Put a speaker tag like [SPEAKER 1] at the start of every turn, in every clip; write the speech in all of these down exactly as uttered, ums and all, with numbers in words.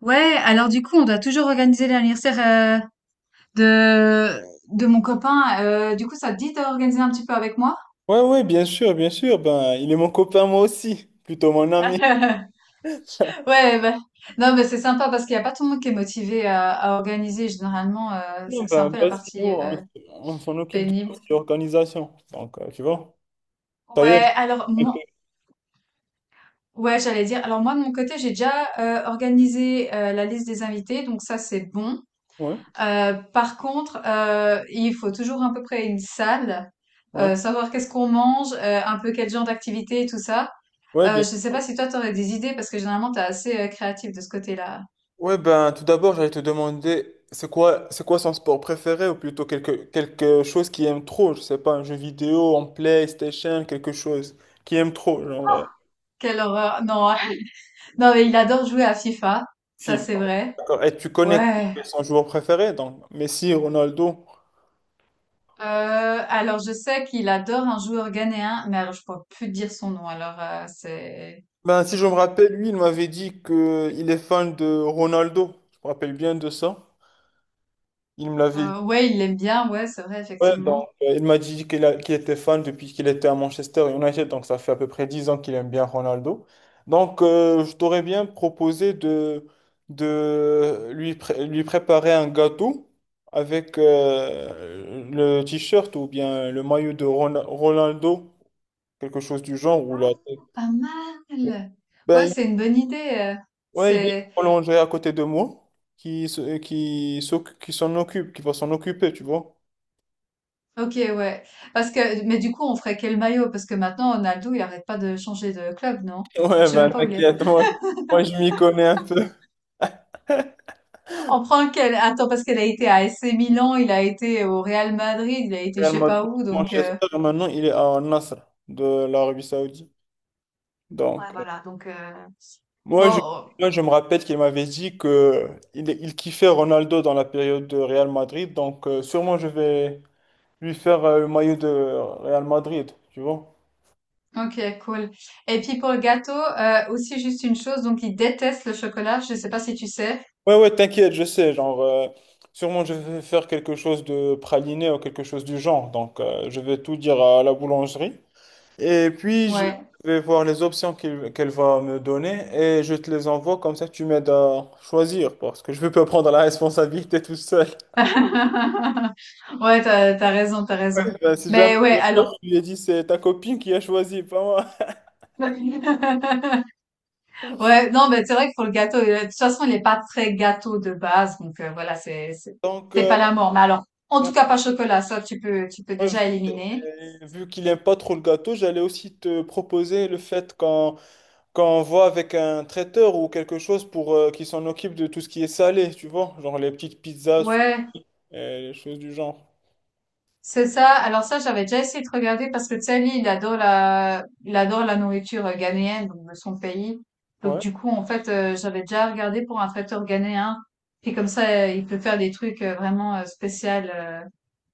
[SPEAKER 1] Ouais, alors du coup, on doit toujours organiser l'anniversaire euh, de de mon copain. Euh, du coup, ça te dit d'organiser un petit peu avec moi?
[SPEAKER 2] Ouais, ouais, bien sûr, bien sûr. Ben, il est mon copain, moi aussi. Plutôt mon ami.
[SPEAKER 1] Ouais, bah, non, mais c'est sympa parce qu'il n'y a pas tout le monde qui est motivé à, à organiser. Généralement, euh,
[SPEAKER 2] Non,
[SPEAKER 1] c'est c'est un
[SPEAKER 2] ben,
[SPEAKER 1] peu
[SPEAKER 2] bah,
[SPEAKER 1] la
[SPEAKER 2] c'est nous,
[SPEAKER 1] partie
[SPEAKER 2] on,
[SPEAKER 1] euh,
[SPEAKER 2] on s'en occupe de
[SPEAKER 1] pénible.
[SPEAKER 2] l'organisation. Donc, euh, tu vois. D'ailleurs,
[SPEAKER 1] Ouais, alors moi, ouais, j'allais dire. Alors moi, de mon côté, j'ai déjà euh, organisé euh, la liste des invités, donc ça, c'est bon.
[SPEAKER 2] ouais,
[SPEAKER 1] Euh, par contre, euh, il faut toujours à peu près une salle,
[SPEAKER 2] ouais,
[SPEAKER 1] euh, savoir qu'est-ce qu'on mange, euh, un peu quel genre d'activité et tout ça.
[SPEAKER 2] ouais,
[SPEAKER 1] Euh,
[SPEAKER 2] bien.
[SPEAKER 1] je sais pas si toi t'aurais des idées parce que généralement t'es assez euh, créatif de ce côté-là.
[SPEAKER 2] Ouais, ben, tout d'abord, j'allais te demander, c'est quoi, c'est quoi son sport préféré ou plutôt quelque, quelque chose qu'il aime trop, je sais pas, un jeu vidéo, en PlayStation, quelque chose qu'il aime trop, genre euh,
[SPEAKER 1] Quelle horreur! Non, non mais il adore jouer à FIFA, ça
[SPEAKER 2] FIFA.
[SPEAKER 1] c'est vrai.
[SPEAKER 2] D'accord. Et tu connais
[SPEAKER 1] Ouais.
[SPEAKER 2] son joueur préféré, donc Messi, Ronaldo.
[SPEAKER 1] Euh, alors je sais qu'il adore un joueur ghanéen, mais alors, je pourrais plus te dire son nom. Alors euh, c'est
[SPEAKER 2] Ben, si je me rappelle, lui, il m'avait dit que il est fan de Ronaldo. Je me rappelle bien de ça. Il me l'avait dit.
[SPEAKER 1] euh, ouais, il l'aime bien, ouais, c'est vrai
[SPEAKER 2] Ouais, donc,
[SPEAKER 1] effectivement.
[SPEAKER 2] euh, il m'a dit qu'il a- qu'il était fan depuis qu'il était à Manchester United. Donc, ça fait à peu près dix ans qu'il aime bien Ronaldo. Donc, euh, je t'aurais bien proposé de, de lui, pré- lui préparer un gâteau avec euh, le t-shirt ou bien le maillot de Ron- Ronaldo, quelque chose du genre, ou la...
[SPEAKER 1] Ah, pas mal. Ouais,
[SPEAKER 2] Ben,
[SPEAKER 1] c'est une bonne idée. Euh,
[SPEAKER 2] ouais, il est
[SPEAKER 1] C'est
[SPEAKER 2] prolongé à côté de moi, qui, se- euh, qui, s'oc- qui s'en occupe, qui va s'en occuper, tu vois.
[SPEAKER 1] OK, ouais. Parce que, mais du coup, on ferait quel maillot? Parce que maintenant, Ronaldo, il arrête pas de changer de club, non?
[SPEAKER 2] Ouais,
[SPEAKER 1] Je sais
[SPEAKER 2] ben
[SPEAKER 1] même pas où il est.
[SPEAKER 2] t'inquiète, moi, moi je m'y connais un peu.
[SPEAKER 1] On prend quel Attends, parce qu'il a été à A C Milan, il a été au Real Madrid, il a été je
[SPEAKER 2] Real
[SPEAKER 1] sais pas
[SPEAKER 2] Madrid,
[SPEAKER 1] où, donc
[SPEAKER 2] Manchester,
[SPEAKER 1] euh,
[SPEAKER 2] maintenant il est à Al-Nassr de l'Arabie Saoudite.
[SPEAKER 1] ouais,
[SPEAKER 2] Donc, euh,
[SPEAKER 1] voilà, donc euh,
[SPEAKER 2] moi je,
[SPEAKER 1] bon.
[SPEAKER 2] moi, je me rappelle qu'il m'avait dit que il, il kiffait Ronaldo dans la période de Real Madrid, donc euh, sûrement je vais lui faire euh, le maillot de Real Madrid, tu vois.
[SPEAKER 1] Ok, cool. Et puis pour le gâteau, euh, aussi juste une chose, donc il déteste le chocolat. Je sais pas si tu sais.
[SPEAKER 2] Ouais, ouais, t'inquiète, je sais. Genre, euh, sûrement, je vais faire quelque chose de praliné ou quelque chose du genre. Donc, euh, je vais tout dire à la boulangerie. Et puis, je
[SPEAKER 1] Ouais.
[SPEAKER 2] vais voir les options qu'il- qu'elle va me donner et je te les envoie. Comme ça, tu m'aides à choisir parce que je veux pas prendre la responsabilité tout seul.
[SPEAKER 1] Ouais, t'as, t'as raison, t'as raison.
[SPEAKER 2] Ben, si jamais
[SPEAKER 1] Mais ouais,
[SPEAKER 2] je
[SPEAKER 1] alors.
[SPEAKER 2] lui ai dit, c'est ta copine qui a choisi, pas moi.
[SPEAKER 1] Ouais, non, mais c'est vrai que pour le gâteau, euh, de toute façon, il est pas très gâteau de base, donc euh, voilà, c'est c'est
[SPEAKER 2] Donc,
[SPEAKER 1] c'est
[SPEAKER 2] euh,
[SPEAKER 1] pas la mort. Mais alors, en tout
[SPEAKER 2] ben,
[SPEAKER 1] cas, pas chocolat, ça tu peux tu peux
[SPEAKER 2] moi,
[SPEAKER 1] déjà
[SPEAKER 2] je-
[SPEAKER 1] éliminer.
[SPEAKER 2] euh, vu qu'il n'aime pas trop le gâteau, j'allais aussi te proposer le fait qu'on quand on voit avec un traiteur ou quelque chose pour euh, qui s'en occupe de tout ce qui est salé, tu vois, genre les petites pizzas,
[SPEAKER 1] Ouais,
[SPEAKER 2] sushis, euh, les choses du genre.
[SPEAKER 1] c'est ça. Alors ça, j'avais déjà essayé de regarder parce que tu sais, lui, il adore la il adore la nourriture euh, ghanéenne, donc de son pays. Donc
[SPEAKER 2] Ouais,
[SPEAKER 1] du coup, en fait, euh, j'avais déjà regardé pour un traiteur ghanéen. Puis comme ça, euh, il peut faire des trucs euh, vraiment euh, spéciaux, euh,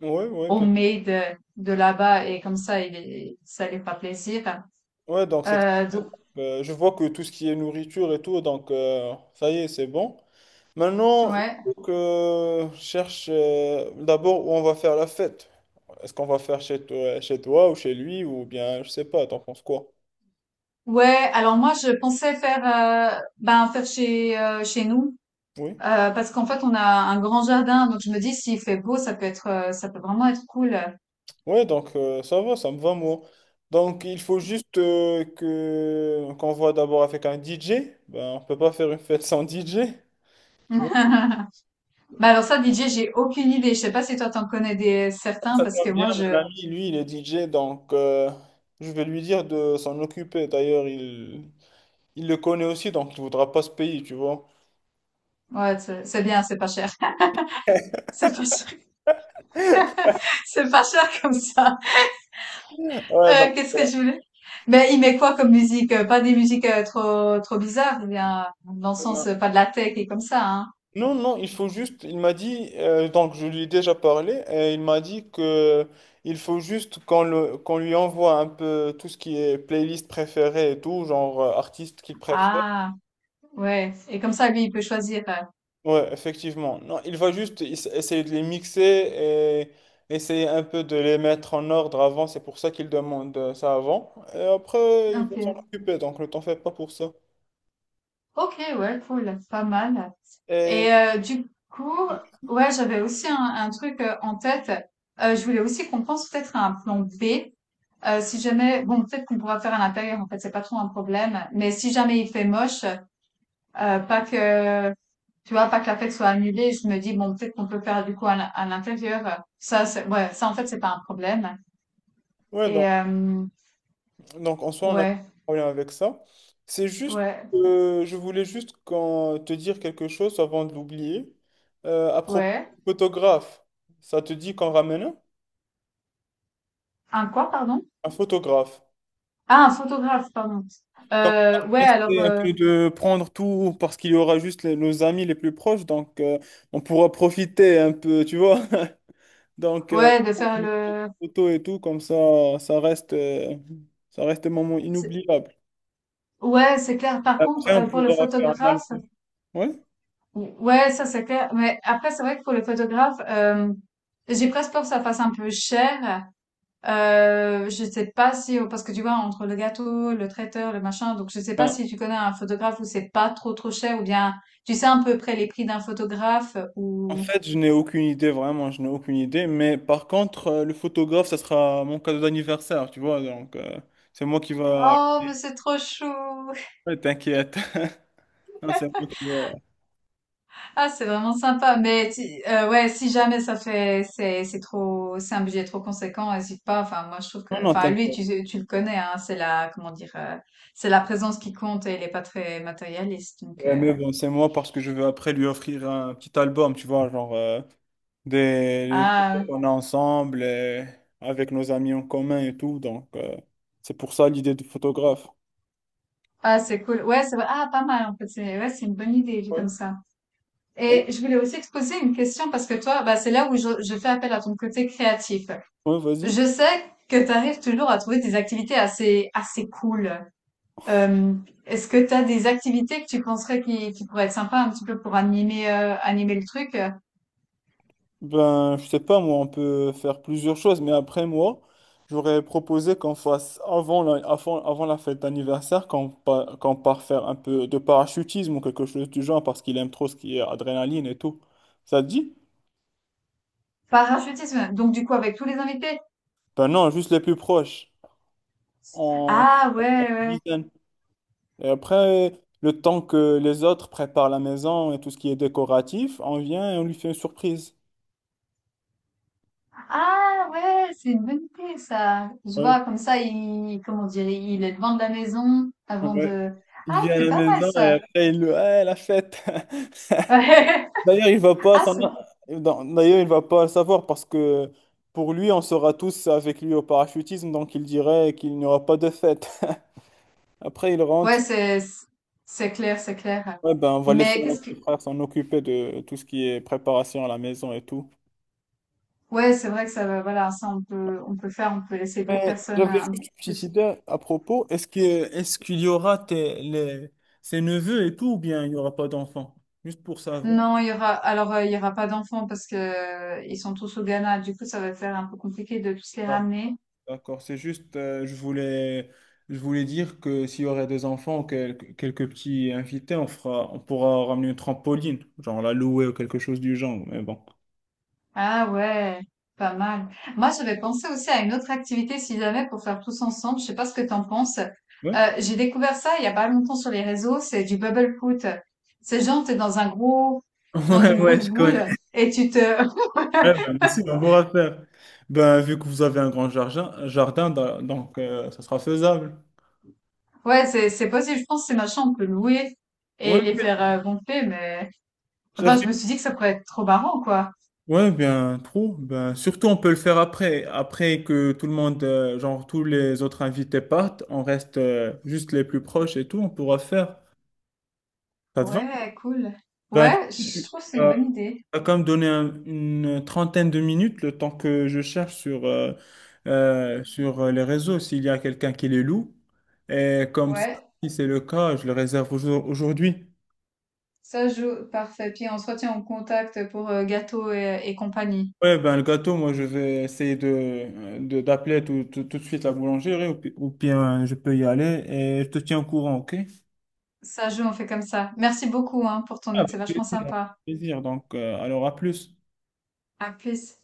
[SPEAKER 2] ouais, ouais, bien.
[SPEAKER 1] homemade euh, de là-bas, et comme ça, il est, ça lui fera plaisir.
[SPEAKER 2] Ouais, donc c'est,
[SPEAKER 1] Euh, donc
[SPEAKER 2] euh, je vois que tout ce qui est nourriture et tout, donc euh, ça y est, c'est bon. Maintenant, il
[SPEAKER 1] Ouais.
[SPEAKER 2] faut que je cherche euh, d'abord où on va faire la fête. Est-ce qu'on va faire chez toi, chez toi ou chez lui ou bien, je sais pas, t'en penses quoi?
[SPEAKER 1] Ouais, alors moi je pensais faire euh, ben faire chez euh, chez nous
[SPEAKER 2] Oui.
[SPEAKER 1] euh, parce qu'en fait on a un grand jardin donc je me dis s'il fait beau ça peut être euh, ça peut vraiment être cool.
[SPEAKER 2] Ouais, donc euh, ça va, ça me va, moi. Donc il faut juste euh, que qu'on voit d'abord avec un D J. Ben, on peut pas faire une fête sans D J. Tu vois
[SPEAKER 1] Bah alors ça D J, j'ai aucune idée, je sais pas si toi t'en connais des certains
[SPEAKER 2] ça
[SPEAKER 1] parce
[SPEAKER 2] va
[SPEAKER 1] que
[SPEAKER 2] bien,
[SPEAKER 1] moi je
[SPEAKER 2] mon ami, lui, il est D J, donc euh, je vais lui dire de s'en occuper. D'ailleurs, il, il le connaît aussi, donc il voudra pas se payer, tu vois.
[SPEAKER 1] ouais, c'est c'est bien, c'est pas cher. C'est pas cher. C'est pas cher comme ça.
[SPEAKER 2] Ouais, donc,
[SPEAKER 1] Heu, qu'est-ce que je voulais? Mais il met quoi comme musique? Heu, pas des musiques, heu, trop trop bizarres, eh bien, dans le
[SPEAKER 2] euh,
[SPEAKER 1] sens, heu, pas de la tech et comme ça, hein?
[SPEAKER 2] non, non, il faut juste, il m'a dit, euh, donc je lui ai déjà parlé, et il m'a dit que il faut juste qu'on le, qu'on lui envoie un peu tout ce qui est playlist préférée et tout, genre euh, artiste qu'il préfère.
[SPEAKER 1] Ah! Ouais et comme ça, lui, il peut choisir, heu,
[SPEAKER 2] Ouais, effectivement. Non, il va juste ess- essayer de les mixer et essayer un peu de les mettre en ordre avant, c'est pour ça qu'il demande euh, ça avant. Et après, il va
[SPEAKER 1] OK.
[SPEAKER 2] s'en occuper, donc ne t'en fais pas pour ça.
[SPEAKER 1] OK, ouais, cool, pas mal
[SPEAKER 2] Et
[SPEAKER 1] et heu, du coup, ouais, j'avais aussi un un truc, heu, en tête. Heu, je voulais aussi qu'on pense peut-être à un plan B. Euh, si jamais, bon, peut-être qu'on pourra faire à l'intérieur, en fait, c'est pas trop un problème. Mais si jamais il fait moche, euh, pas que, tu vois, pas que la fête soit annulée, je me dis, bon, peut-être qu'on peut faire du coup à l'in- à l'intérieur. Ça, c'est, ouais, ça, en fait, c'est pas un problème.
[SPEAKER 2] ouais, donc.
[SPEAKER 1] Et, euh,
[SPEAKER 2] Donc, en soi, on n'a pas
[SPEAKER 1] ouais,
[SPEAKER 2] de problème avec ça. C'est juste,
[SPEAKER 1] ouais,
[SPEAKER 2] euh, je voulais juste qu'en- te dire quelque chose avant de l'oublier. Euh, à propos
[SPEAKER 1] ouais.
[SPEAKER 2] du photographe, ça te dit qu'en ramène un?
[SPEAKER 1] Un quoi, pardon?
[SPEAKER 2] Un photographe.
[SPEAKER 1] Ah, un photographe, pardon.
[SPEAKER 2] Comme ça,
[SPEAKER 1] Euh, ouais,
[SPEAKER 2] on
[SPEAKER 1] alors,
[SPEAKER 2] essaie un
[SPEAKER 1] euh,
[SPEAKER 2] peu de prendre tout parce qu'il y aura juste les- nos amis les plus proches, donc euh, on pourra profiter un peu, tu vois. Donc, euh,
[SPEAKER 1] ouais, de
[SPEAKER 2] pour
[SPEAKER 1] faire
[SPEAKER 2] une
[SPEAKER 1] le,
[SPEAKER 2] photo et tout, comme ça, ça reste, euh, ça reste un moment
[SPEAKER 1] c'est-
[SPEAKER 2] inoubliable.
[SPEAKER 1] ouais, c'est clair. Par contre,
[SPEAKER 2] Après, on
[SPEAKER 1] euh, pour le
[SPEAKER 2] pourra faire un
[SPEAKER 1] photographe,
[SPEAKER 2] album. Ouais.
[SPEAKER 1] ouais, ça c'est clair. Mais après, c'est vrai que pour les photographes, euh, j'ai presque peur que ça fasse un peu cher. Euh, je sais pas si, parce que tu vois, entre le gâteau, le traiteur, le machin, donc je sais pas si tu connais un photographe où c'est pas trop trop cher ou bien tu sais à peu près les prix d'un photographe
[SPEAKER 2] En
[SPEAKER 1] ou...
[SPEAKER 2] fait, je n'ai aucune idée, vraiment, je n'ai aucune idée. Mais par contre, euh, le photographe, ça sera mon cadeau d'anniversaire, tu vois. Donc, euh, c'est moi qui va.
[SPEAKER 1] Oh, mais c'est trop chou!
[SPEAKER 2] Ouais, t'inquiète. Non, c'est moi qui va.
[SPEAKER 1] Ah, c'est vraiment sympa. Mais si- euh, ouais, si jamais ça fait, c'est c'est trop, c'est un budget trop conséquent, n'hésite pas. Enfin, moi je trouve que,
[SPEAKER 2] Non, non,
[SPEAKER 1] enfin lui,
[SPEAKER 2] t'inquiète.
[SPEAKER 1] tu tu le connais, hein. C'est la, comment dire, euh, c'est la présence qui compte et il est pas très matérialiste. Donc
[SPEAKER 2] Ouais,
[SPEAKER 1] euh,
[SPEAKER 2] mais bon, c'est moi parce que je veux après lui offrir un petit album, tu vois, genre euh, des les photos
[SPEAKER 1] ah
[SPEAKER 2] qu'on a ensemble et avec nos amis en commun et tout. Donc, euh, c'est pour ça l'idée de photographe.
[SPEAKER 1] ah c'est cool. Ouais, c'est vrai. Ah pas mal en fait. C'est ouais, c'est une bonne idée vu
[SPEAKER 2] Ouais.
[SPEAKER 1] comme ça.
[SPEAKER 2] Et-
[SPEAKER 1] Et je voulais aussi te poser une question parce que toi, bah c'est là où je, je fais appel à ton côté créatif.
[SPEAKER 2] ouais, vas-y.
[SPEAKER 1] Je sais que tu arrives toujours à trouver des activités assez assez cool. Euh, est-ce que tu as des activités que tu penserais qui, qui pourraient être sympas un petit peu pour animer, euh, animer le truc?
[SPEAKER 2] Ben, je sais pas, moi, on peut faire plusieurs choses, mais après, moi, j'aurais proposé qu'on fasse avant la, avant, avant la fête d'anniversaire, qu'on pa- qu'on part faire un peu de parachutisme ou quelque chose du genre, parce qu'il aime trop ce qui est adrénaline et tout. Ça te dit?
[SPEAKER 1] Parachutisme, donc du coup avec tous les invités.
[SPEAKER 2] Ben non, juste les plus proches, en
[SPEAKER 1] Ah ouais, ouais.
[SPEAKER 2] dizaine. Et après, le temps que les autres préparent la maison et tout ce qui est décoratif, on vient et on lui fait une surprise.
[SPEAKER 1] Ah ouais, c'est une bonne idée ça. Je
[SPEAKER 2] Ouais,
[SPEAKER 1] vois comme ça, il, comment dire, il est devant de la maison avant
[SPEAKER 2] ouais.
[SPEAKER 1] de.
[SPEAKER 2] Il
[SPEAKER 1] Ah,
[SPEAKER 2] vient à
[SPEAKER 1] c'est
[SPEAKER 2] la
[SPEAKER 1] pas mal
[SPEAKER 2] maison et
[SPEAKER 1] ça.
[SPEAKER 2] après, il le... Ouais, la fête! D'ailleurs, il va pas
[SPEAKER 1] Ah,
[SPEAKER 2] s'en-
[SPEAKER 1] c'est...
[SPEAKER 2] D'ailleurs, il va pas le savoir parce que pour lui, on sera tous avec lui au parachutisme, donc il dirait qu'il n'y aura pas de fête. Après, il
[SPEAKER 1] Ouais,
[SPEAKER 2] rentre.
[SPEAKER 1] c'est, c'est clair, c'est clair.
[SPEAKER 2] Ouais, ben, on va laisser
[SPEAKER 1] Mais
[SPEAKER 2] mon
[SPEAKER 1] qu'est-ce que,
[SPEAKER 2] petit frère s'en occuper de tout ce qui est préparation à la maison et tout.
[SPEAKER 1] Ouais, c'est vrai que ça va, voilà, ça on peut, on peut faire, on peut laisser d'autres
[SPEAKER 2] Mais
[SPEAKER 1] personnes euh,
[SPEAKER 2] j'avais
[SPEAKER 1] un
[SPEAKER 2] juste
[SPEAKER 1] peu
[SPEAKER 2] une petite
[SPEAKER 1] plus.
[SPEAKER 2] idée à propos. Est-ce que est-ce qu'il y aura tes- les- ses neveux et tout, ou bien il n'y aura pas d'enfants? Juste pour savoir.
[SPEAKER 1] Non, il y aura, alors euh, il y aura pas d'enfants parce que euh, ils sont tous au Ghana. Du coup, ça va faire un peu compliqué de tous les ramener.
[SPEAKER 2] D'accord, c'est juste, euh, je voulais, je voulais dire que s'il y aurait des enfants, ou quel- quelques petits invités, on fera, on pourra ramener une trampoline, genre la louer ou quelque chose du genre, mais bon.
[SPEAKER 1] Ah ouais, pas mal. Moi, j'avais pensé aussi à une autre activité, si jamais, pour faire tous ensemble. Je sais pas ce que t'en penses.
[SPEAKER 2] Ouais,
[SPEAKER 1] Euh, j'ai découvert ça il y a pas longtemps sur les réseaux. C'est du bubble foot. C'est genre, t'es dans un gros, dans
[SPEAKER 2] ouais,
[SPEAKER 1] une
[SPEAKER 2] ouais,
[SPEAKER 1] grosse
[SPEAKER 2] je connais.
[SPEAKER 1] boule et tu te,
[SPEAKER 2] Ouais, ben, mais si, on pourra faire. Ben, vu que vous avez un grand jardin, jardin da- donc euh, ça sera faisable.
[SPEAKER 1] ouais, c'est, c'est possible. Je pense que ces machins, on peut louer
[SPEAKER 2] Ouais,
[SPEAKER 1] et les
[SPEAKER 2] ouais,
[SPEAKER 1] faire euh, gonfler, mais, enfin, je
[SPEAKER 2] j'avais-
[SPEAKER 1] me suis dit que ça pourrait être trop marrant, quoi.
[SPEAKER 2] ouais, bien trop. Ben, surtout, on peut le faire après. Après que tout le monde, euh, genre tous les autres invités partent, on reste euh, juste les plus proches et tout, on pourra faire. Ça te va?
[SPEAKER 1] Ouais, cool.
[SPEAKER 2] Ben,
[SPEAKER 1] Ouais,
[SPEAKER 2] tu
[SPEAKER 1] je trouve que c'est une bonne idée.
[SPEAKER 2] as quand même donné un- une trentaine de minutes le temps que je cherche sur, euh, euh, sur euh, les réseaux s'il y a quelqu'un qui les loue. Et comme ça,
[SPEAKER 1] Ouais.
[SPEAKER 2] si c'est le cas, je le réserve aujourd- aujourd'hui.
[SPEAKER 1] Ça joue, parfait. Puis on se retient en contact pour euh, gâteau et, et compagnie.
[SPEAKER 2] Ouais, ben le gâteau, moi je vais essayer de, de- d'appeler tout, tout, tout de suite la boulangerie ou, pi- ou bien je peux y aller et je te tiens au courant, ok?
[SPEAKER 1] Ça joue, on fait comme ça. Merci beaucoup hein, pour ton
[SPEAKER 2] Ah,
[SPEAKER 1] aide,
[SPEAKER 2] avec
[SPEAKER 1] c'est vachement
[SPEAKER 2] plaisir, avec
[SPEAKER 1] sympa.
[SPEAKER 2] plaisir. Donc, euh, alors à plus.
[SPEAKER 1] À plus.